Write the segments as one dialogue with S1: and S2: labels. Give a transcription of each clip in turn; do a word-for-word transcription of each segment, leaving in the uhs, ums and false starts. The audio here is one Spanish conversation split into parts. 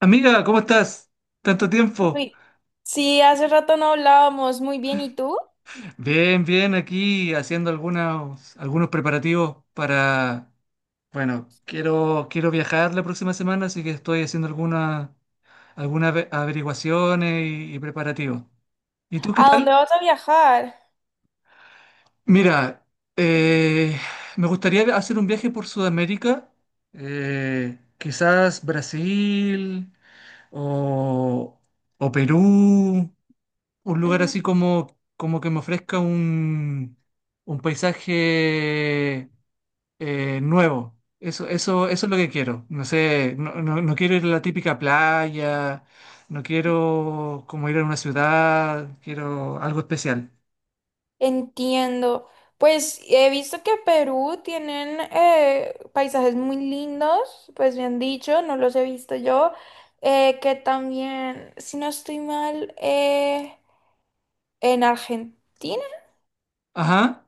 S1: Amiga, ¿cómo estás? Tanto tiempo.
S2: Uy, sí, hace rato no hablábamos. Muy bien, ¿y tú?
S1: Bien, bien, aquí haciendo algunos, algunos preparativos para, bueno, quiero, quiero viajar la próxima semana, así que estoy haciendo algunas algunas ave- averiguaciones y, y preparativos. ¿Y tú qué
S2: ¿A dónde
S1: tal?
S2: vas a viajar?
S1: Mira, eh, me gustaría hacer un viaje por Sudamérica, eh, quizás Brasil o, o Perú. Un lugar
S2: Ujú.
S1: así como, como que me ofrezca un, un paisaje eh, nuevo. Eso, eso, eso es lo que quiero. No sé, no, no- no quiero ir a la típica playa, no quiero como ir a una ciudad, quiero algo especial.
S2: Entiendo. Pues he visto que Perú tienen eh, paisajes muy lindos, pues bien dicho, no los he visto yo. Eh, que también, si no estoy mal, eh, en Argentina.
S1: Ajá,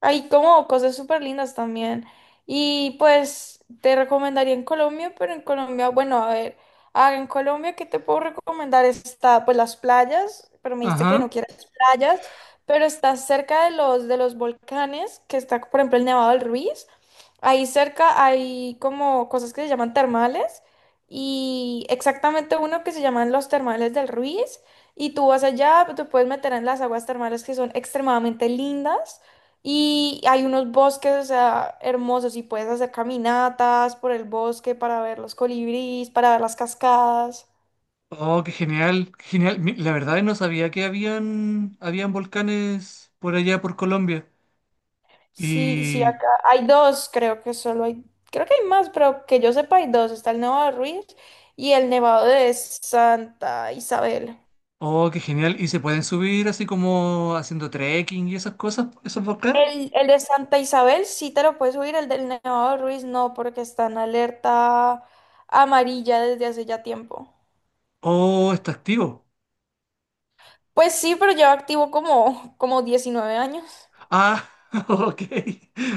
S2: Hay como cosas súper lindas también. Y pues te recomendaría en Colombia, pero en Colombia, bueno, a ver, ah, en Colombia, ¿qué te puedo recomendar? Está pues las playas, pero me dijiste que no
S1: ajá.
S2: quieres playas, pero está cerca de los, de los volcanes, que está, por ejemplo, el Nevado del Ruiz. Ahí cerca hay como cosas que se llaman termales y exactamente uno que se llaman los termales del Ruiz. Y tú vas allá, pues, te puedes meter en las aguas termales que son extremadamente lindas. Y hay unos bosques, o sea, hermosos y puedes hacer caminatas por el bosque para ver los colibríes, para ver las cascadas.
S1: Oh, qué genial, qué genial. Mi- La verdad no sabía que habían, habían volcanes por allá por Colombia.
S2: Sí, sí,
S1: Y
S2: acá hay dos, creo que solo hay, creo que hay más, pero que yo sepa hay dos. Está el Nevado de Ruiz y el Nevado de Santa Isabel.
S1: oh, qué genial. ¿Y se pueden subir así como haciendo trekking y esas cosas, esos volcanes?
S2: El, el de Santa Isabel sí te lo puedes subir, el del Nevado de Ruiz no, porque está en alerta amarilla desde hace ya tiempo.
S1: Oh, está activo.
S2: Pues sí, pero lleva activo como, como, diecinueve años.
S1: Ah, ok.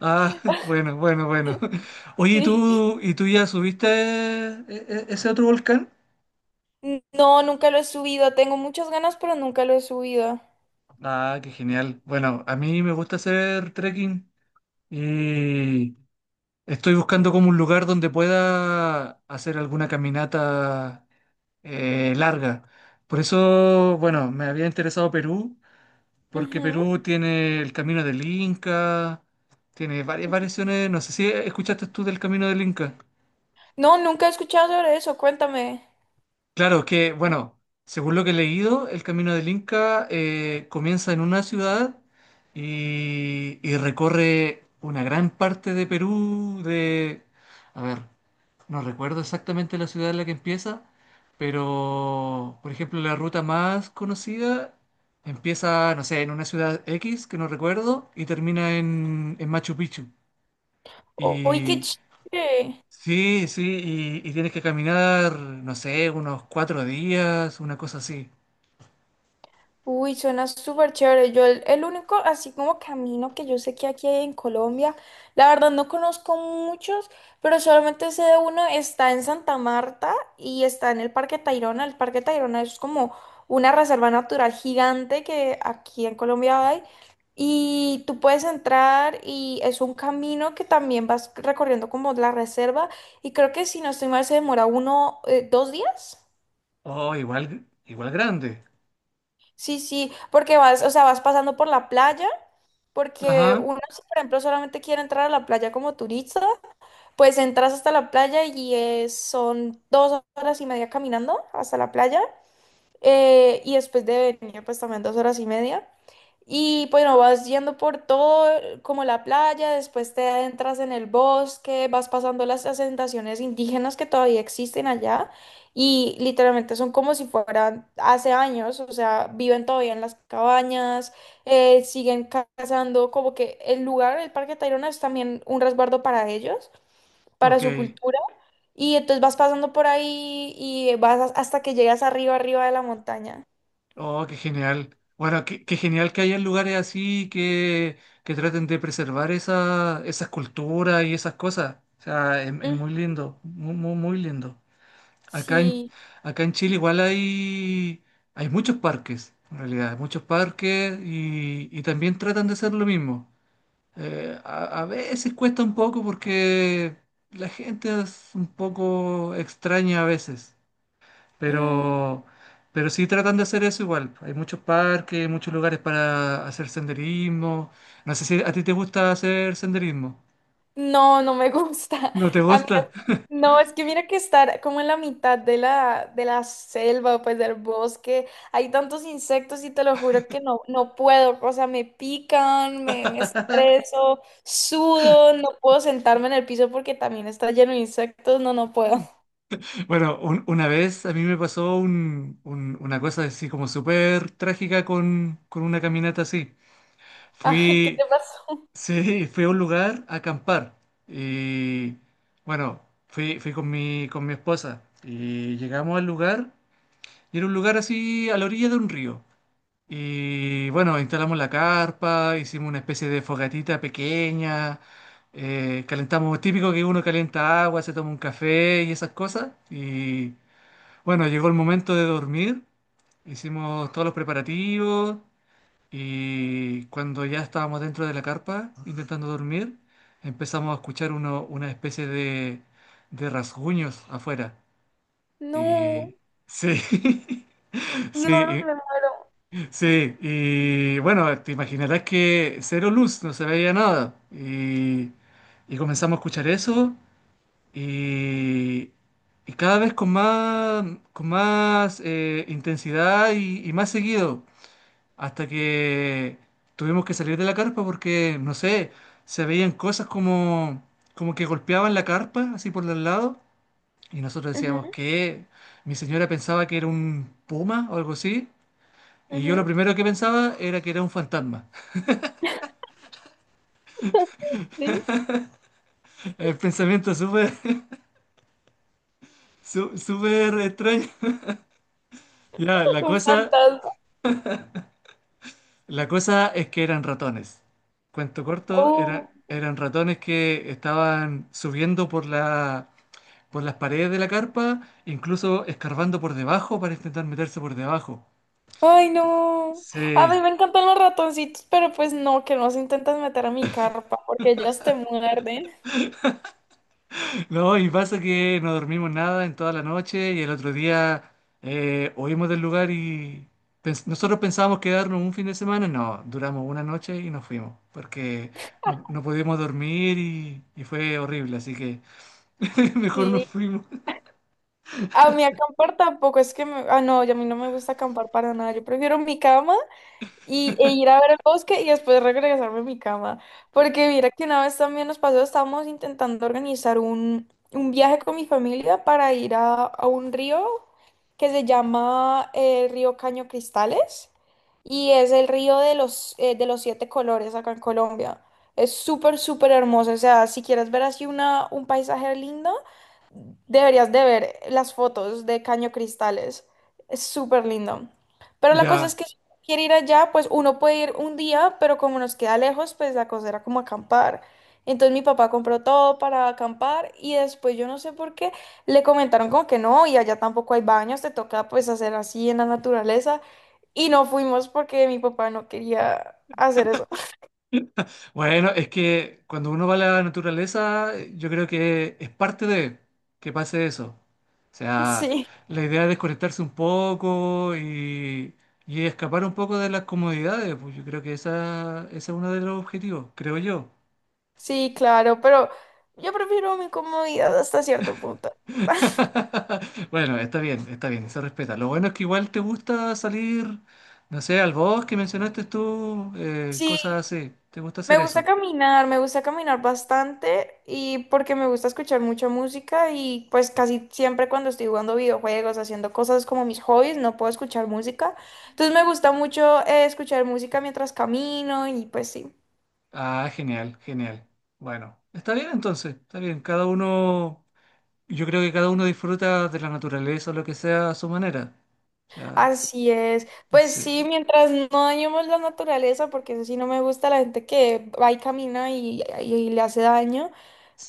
S1: Ah, bueno, bueno, bueno. Oye, ¿y
S2: Sí.
S1: tú, y tú ya subiste eh, eh, ese otro volcán?
S2: N- No, nunca lo he subido. Tengo muchas ganas, pero nunca lo he subido.
S1: Ah, qué genial. Bueno, a mí me gusta hacer trekking y estoy buscando como un lugar donde pueda hacer alguna caminata eh, larga. Por eso, bueno, me había interesado Perú. Porque
S2: Ujú.
S1: Perú tiene el Camino del Inca, tiene varias variaciones, no sé si escuchaste tú del Camino del Inca.
S2: No, nunca he escuchado sobre eso. Cuéntame.
S1: Claro que, bueno, según lo que he leído, el Camino del Inca eh, comienza en una ciudad y, y recorre una gran parte de Perú, de, a ver, no recuerdo exactamente la ciudad en la que empieza, pero por ejemplo la ruta más conocida empieza, no sé, en una ciudad X que no recuerdo y termina en, en Machu Picchu.
S2: O- Uy, qué
S1: Y
S2: chévere.
S1: sí, sí, y, y tienes que caminar, no sé, unos cuatro días, una cosa así.
S2: Uy, suena súper chévere. Yo el, el único, así como camino que yo sé que aquí hay en Colombia, la verdad no conozco muchos, pero solamente sé de uno, está en Santa Marta y está en el Parque Tayrona. El Parque Tayrona es como una reserva natural gigante que aquí en Colombia hay. Y tú puedes entrar y es un camino que también vas recorriendo como la reserva. Y creo que si no estoy mal se demora uno, eh, dos días.
S1: Oh, igual, igual grande.
S2: Sí, sí, porque vas, o sea, vas pasando por la playa, porque
S1: Ajá,
S2: uno, si por ejemplo, solamente quiere entrar a la playa como turista, pues entras hasta la playa y es- son dos horas y media caminando hasta la playa, eh, y después de venir, pues también dos horas y media. Y bueno, vas yendo por todo, eh, como la playa, después te adentras en el bosque, vas pasando las asentaciones indígenas que todavía existen allá y literalmente son como si fueran hace años, o sea, viven todavía en las cabañas, eh, siguen ca- cazando, como que el lugar, el Parque Tayrona es también un resguardo para ellos, para
S1: ok.
S2: su cultura, y entonces vas pasando por ahí y vas hasta que llegas arriba, arriba de la montaña.
S1: Oh, qué genial. Bueno, qué, qué genial que haya lugares así que, que traten de preservar esa, esas culturas y esas cosas. O sea, es, es
S2: Mm,
S1: muy lindo, muy, muy, muy lindo. Acá en,
S2: sí.
S1: acá en Chile igual hay, hay muchos parques, en realidad, muchos parques y, y también tratan de hacer lo mismo. Eh, a, a veces cuesta un poco porque la gente es un poco extraña a veces.
S2: Mm.
S1: Pero, pero sí tratan de hacer eso igual. Hay muchos parques, muchos lugares para hacer senderismo. No sé si a ti te gusta hacer senderismo.
S2: No, no me gusta.
S1: ¿No te
S2: A mí,
S1: gusta?
S2: no, es que mira que estar como en la mitad de la, de la selva, pues del bosque, hay tantos insectos y te lo juro que no, no puedo. O sea, me pican, me, me estreso, sudo, no puedo sentarme en el piso porque también está lleno de insectos. No, no puedo.
S1: Bueno, un- una vez a mí me pasó un- un- una cosa así como súper trágica con, con una caminata así.
S2: Ah, ¿qué te
S1: Fui,
S2: pasó?
S1: sí, fui a un lugar a acampar y bueno, fui, fui con mi, con mi esposa y llegamos al lugar y era un lugar así a la orilla de un río. Y bueno, instalamos la carpa, hicimos una especie de fogatita pequeña, eh, calentamos, típico que uno calienta agua, se toma un café y esas cosas. Y bueno, llegó el momento de dormir, hicimos todos los preparativos y cuando ya estábamos dentro de la carpa intentando dormir, empezamos a escuchar uno, una especie de, de rasguños afuera.
S2: No,
S1: Y sí,
S2: no, me
S1: sí,
S2: muero.
S1: sí, y bueno, te imaginarás que cero luz, no se veía nada. Y, y comenzamos a escuchar eso y, y cada vez con más, con más eh, intensidad y, y más seguido, hasta que tuvimos que salir de la carpa porque, no sé, se veían cosas como, como que golpeaban la carpa así por los lados y nosotros
S2: Ujú,
S1: decíamos que mi señora pensaba que era un puma o algo así. Y yo lo
S2: ujú.
S1: primero que pensaba era que era un fantasma.
S2: Sí,
S1: El pensamiento súper, su- súper extraño. Ya, la
S2: un
S1: cosa,
S2: fantasma.
S1: la cosa es que eran ratones. Cuento corto,
S2: Oh.
S1: era- eran ratones que estaban subiendo por la, por las paredes de la carpa, incluso escarbando por debajo para intentar meterse por debajo.
S2: Ay, no. A
S1: Sí,
S2: mí me encantan los ratoncitos, pero pues no, que no se intentan meter a mi carpa porque ellos te muerden.
S1: no, y pasa que no dormimos nada en toda la noche y el otro día eh, oímos del lugar y pens- nosotros pensábamos quedarnos un fin de semana, no, duramos una noche y nos fuimos porque no, no podíamos dormir y, y fue horrible, así que mejor nos
S2: Sí.
S1: fuimos.
S2: A mí acampar tampoco es que me. Ah, no, y a mí no me gusta acampar para nada. Yo prefiero mi cama y, e ir a ver el bosque y después regresarme a mi cama. Porque mira que una vez también nos pasó, estábamos intentando organizar un, un viaje con mi familia para ir a, a un río que se llama el río Caño Cristales y es el río de los, eh, de los siete colores acá en Colombia. Es súper, súper hermoso. O sea, si quieres ver así una, un paisaje lindo, deberías de ver las fotos de Caño Cristales. Es súper lindo. Pero la cosa es
S1: Ya,
S2: que quiere ir allá, pues uno puede ir un día, pero como nos queda lejos, pues la cosa era como acampar. Entonces mi papá compró todo para acampar y después yo no sé por qué le comentaron como que no, y allá tampoco hay baños, te toca pues hacer así en la naturaleza. Y no fuimos porque mi papá no quería hacer eso.
S1: bueno, es que cuando uno va a la naturaleza, eh, yo creo que es parte de que pase eso. O sea,
S2: Sí,
S1: la idea es desconectarse un poco y, y escapar un poco de las comodidades, pues yo creo que esa, ese es uno de los objetivos, creo yo.
S2: sí, claro, pero yo prefiero mi comodidad hasta cierto punto.
S1: Bueno, está bien, está bien, se respeta. Lo bueno es que igual te gusta salir, no sé, al bosque, mencionaste tú, eh,
S2: Sí.
S1: cosas así. ¿Te gusta
S2: Me
S1: hacer
S2: gusta
S1: eso?
S2: caminar, me gusta caminar bastante y porque me gusta escuchar mucha música y pues casi siempre cuando estoy jugando videojuegos, haciendo cosas como mis hobbies, no puedo escuchar música. Entonces me gusta mucho eh, escuchar música mientras camino y pues sí,
S1: Ah, genial, genial. Bueno, está bien entonces, está bien. Cada uno, yo creo que cada uno disfruta de la naturaleza o lo que sea a su manera. O sea,
S2: así es. Pues
S1: sí.
S2: sí, mientras no dañemos la naturaleza, porque eso sí no me gusta la gente que va y camina y, y- y le hace daño,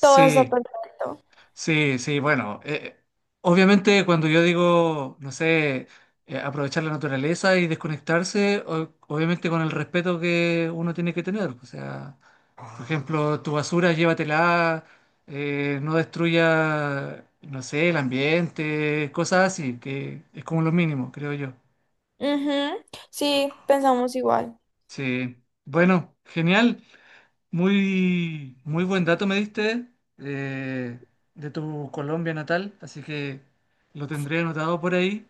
S2: todo está perfecto.
S1: sí, sí, bueno, eh, obviamente cuando yo digo, no sé, eh, aprovechar la naturaleza y desconectarse, o- obviamente con el respeto que uno tiene que tener. O sea, por ejemplo, tu basura llévatela, eh, no destruya, no sé, el ambiente, cosas así, que es como lo mínimo, creo yo.
S2: Ujú. Sí, pensamos igual.
S1: Sí, bueno, genial. Muy, muy buen dato me diste eh, de tu Colombia natal, así que lo tendré anotado por ahí.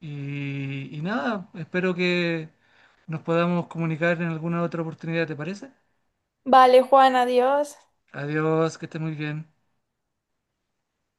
S1: Y, y nada, espero que nos podamos comunicar en alguna otra oportunidad, ¿te parece?
S2: Vale, Juan, adiós.
S1: Adiós, que estés muy bien.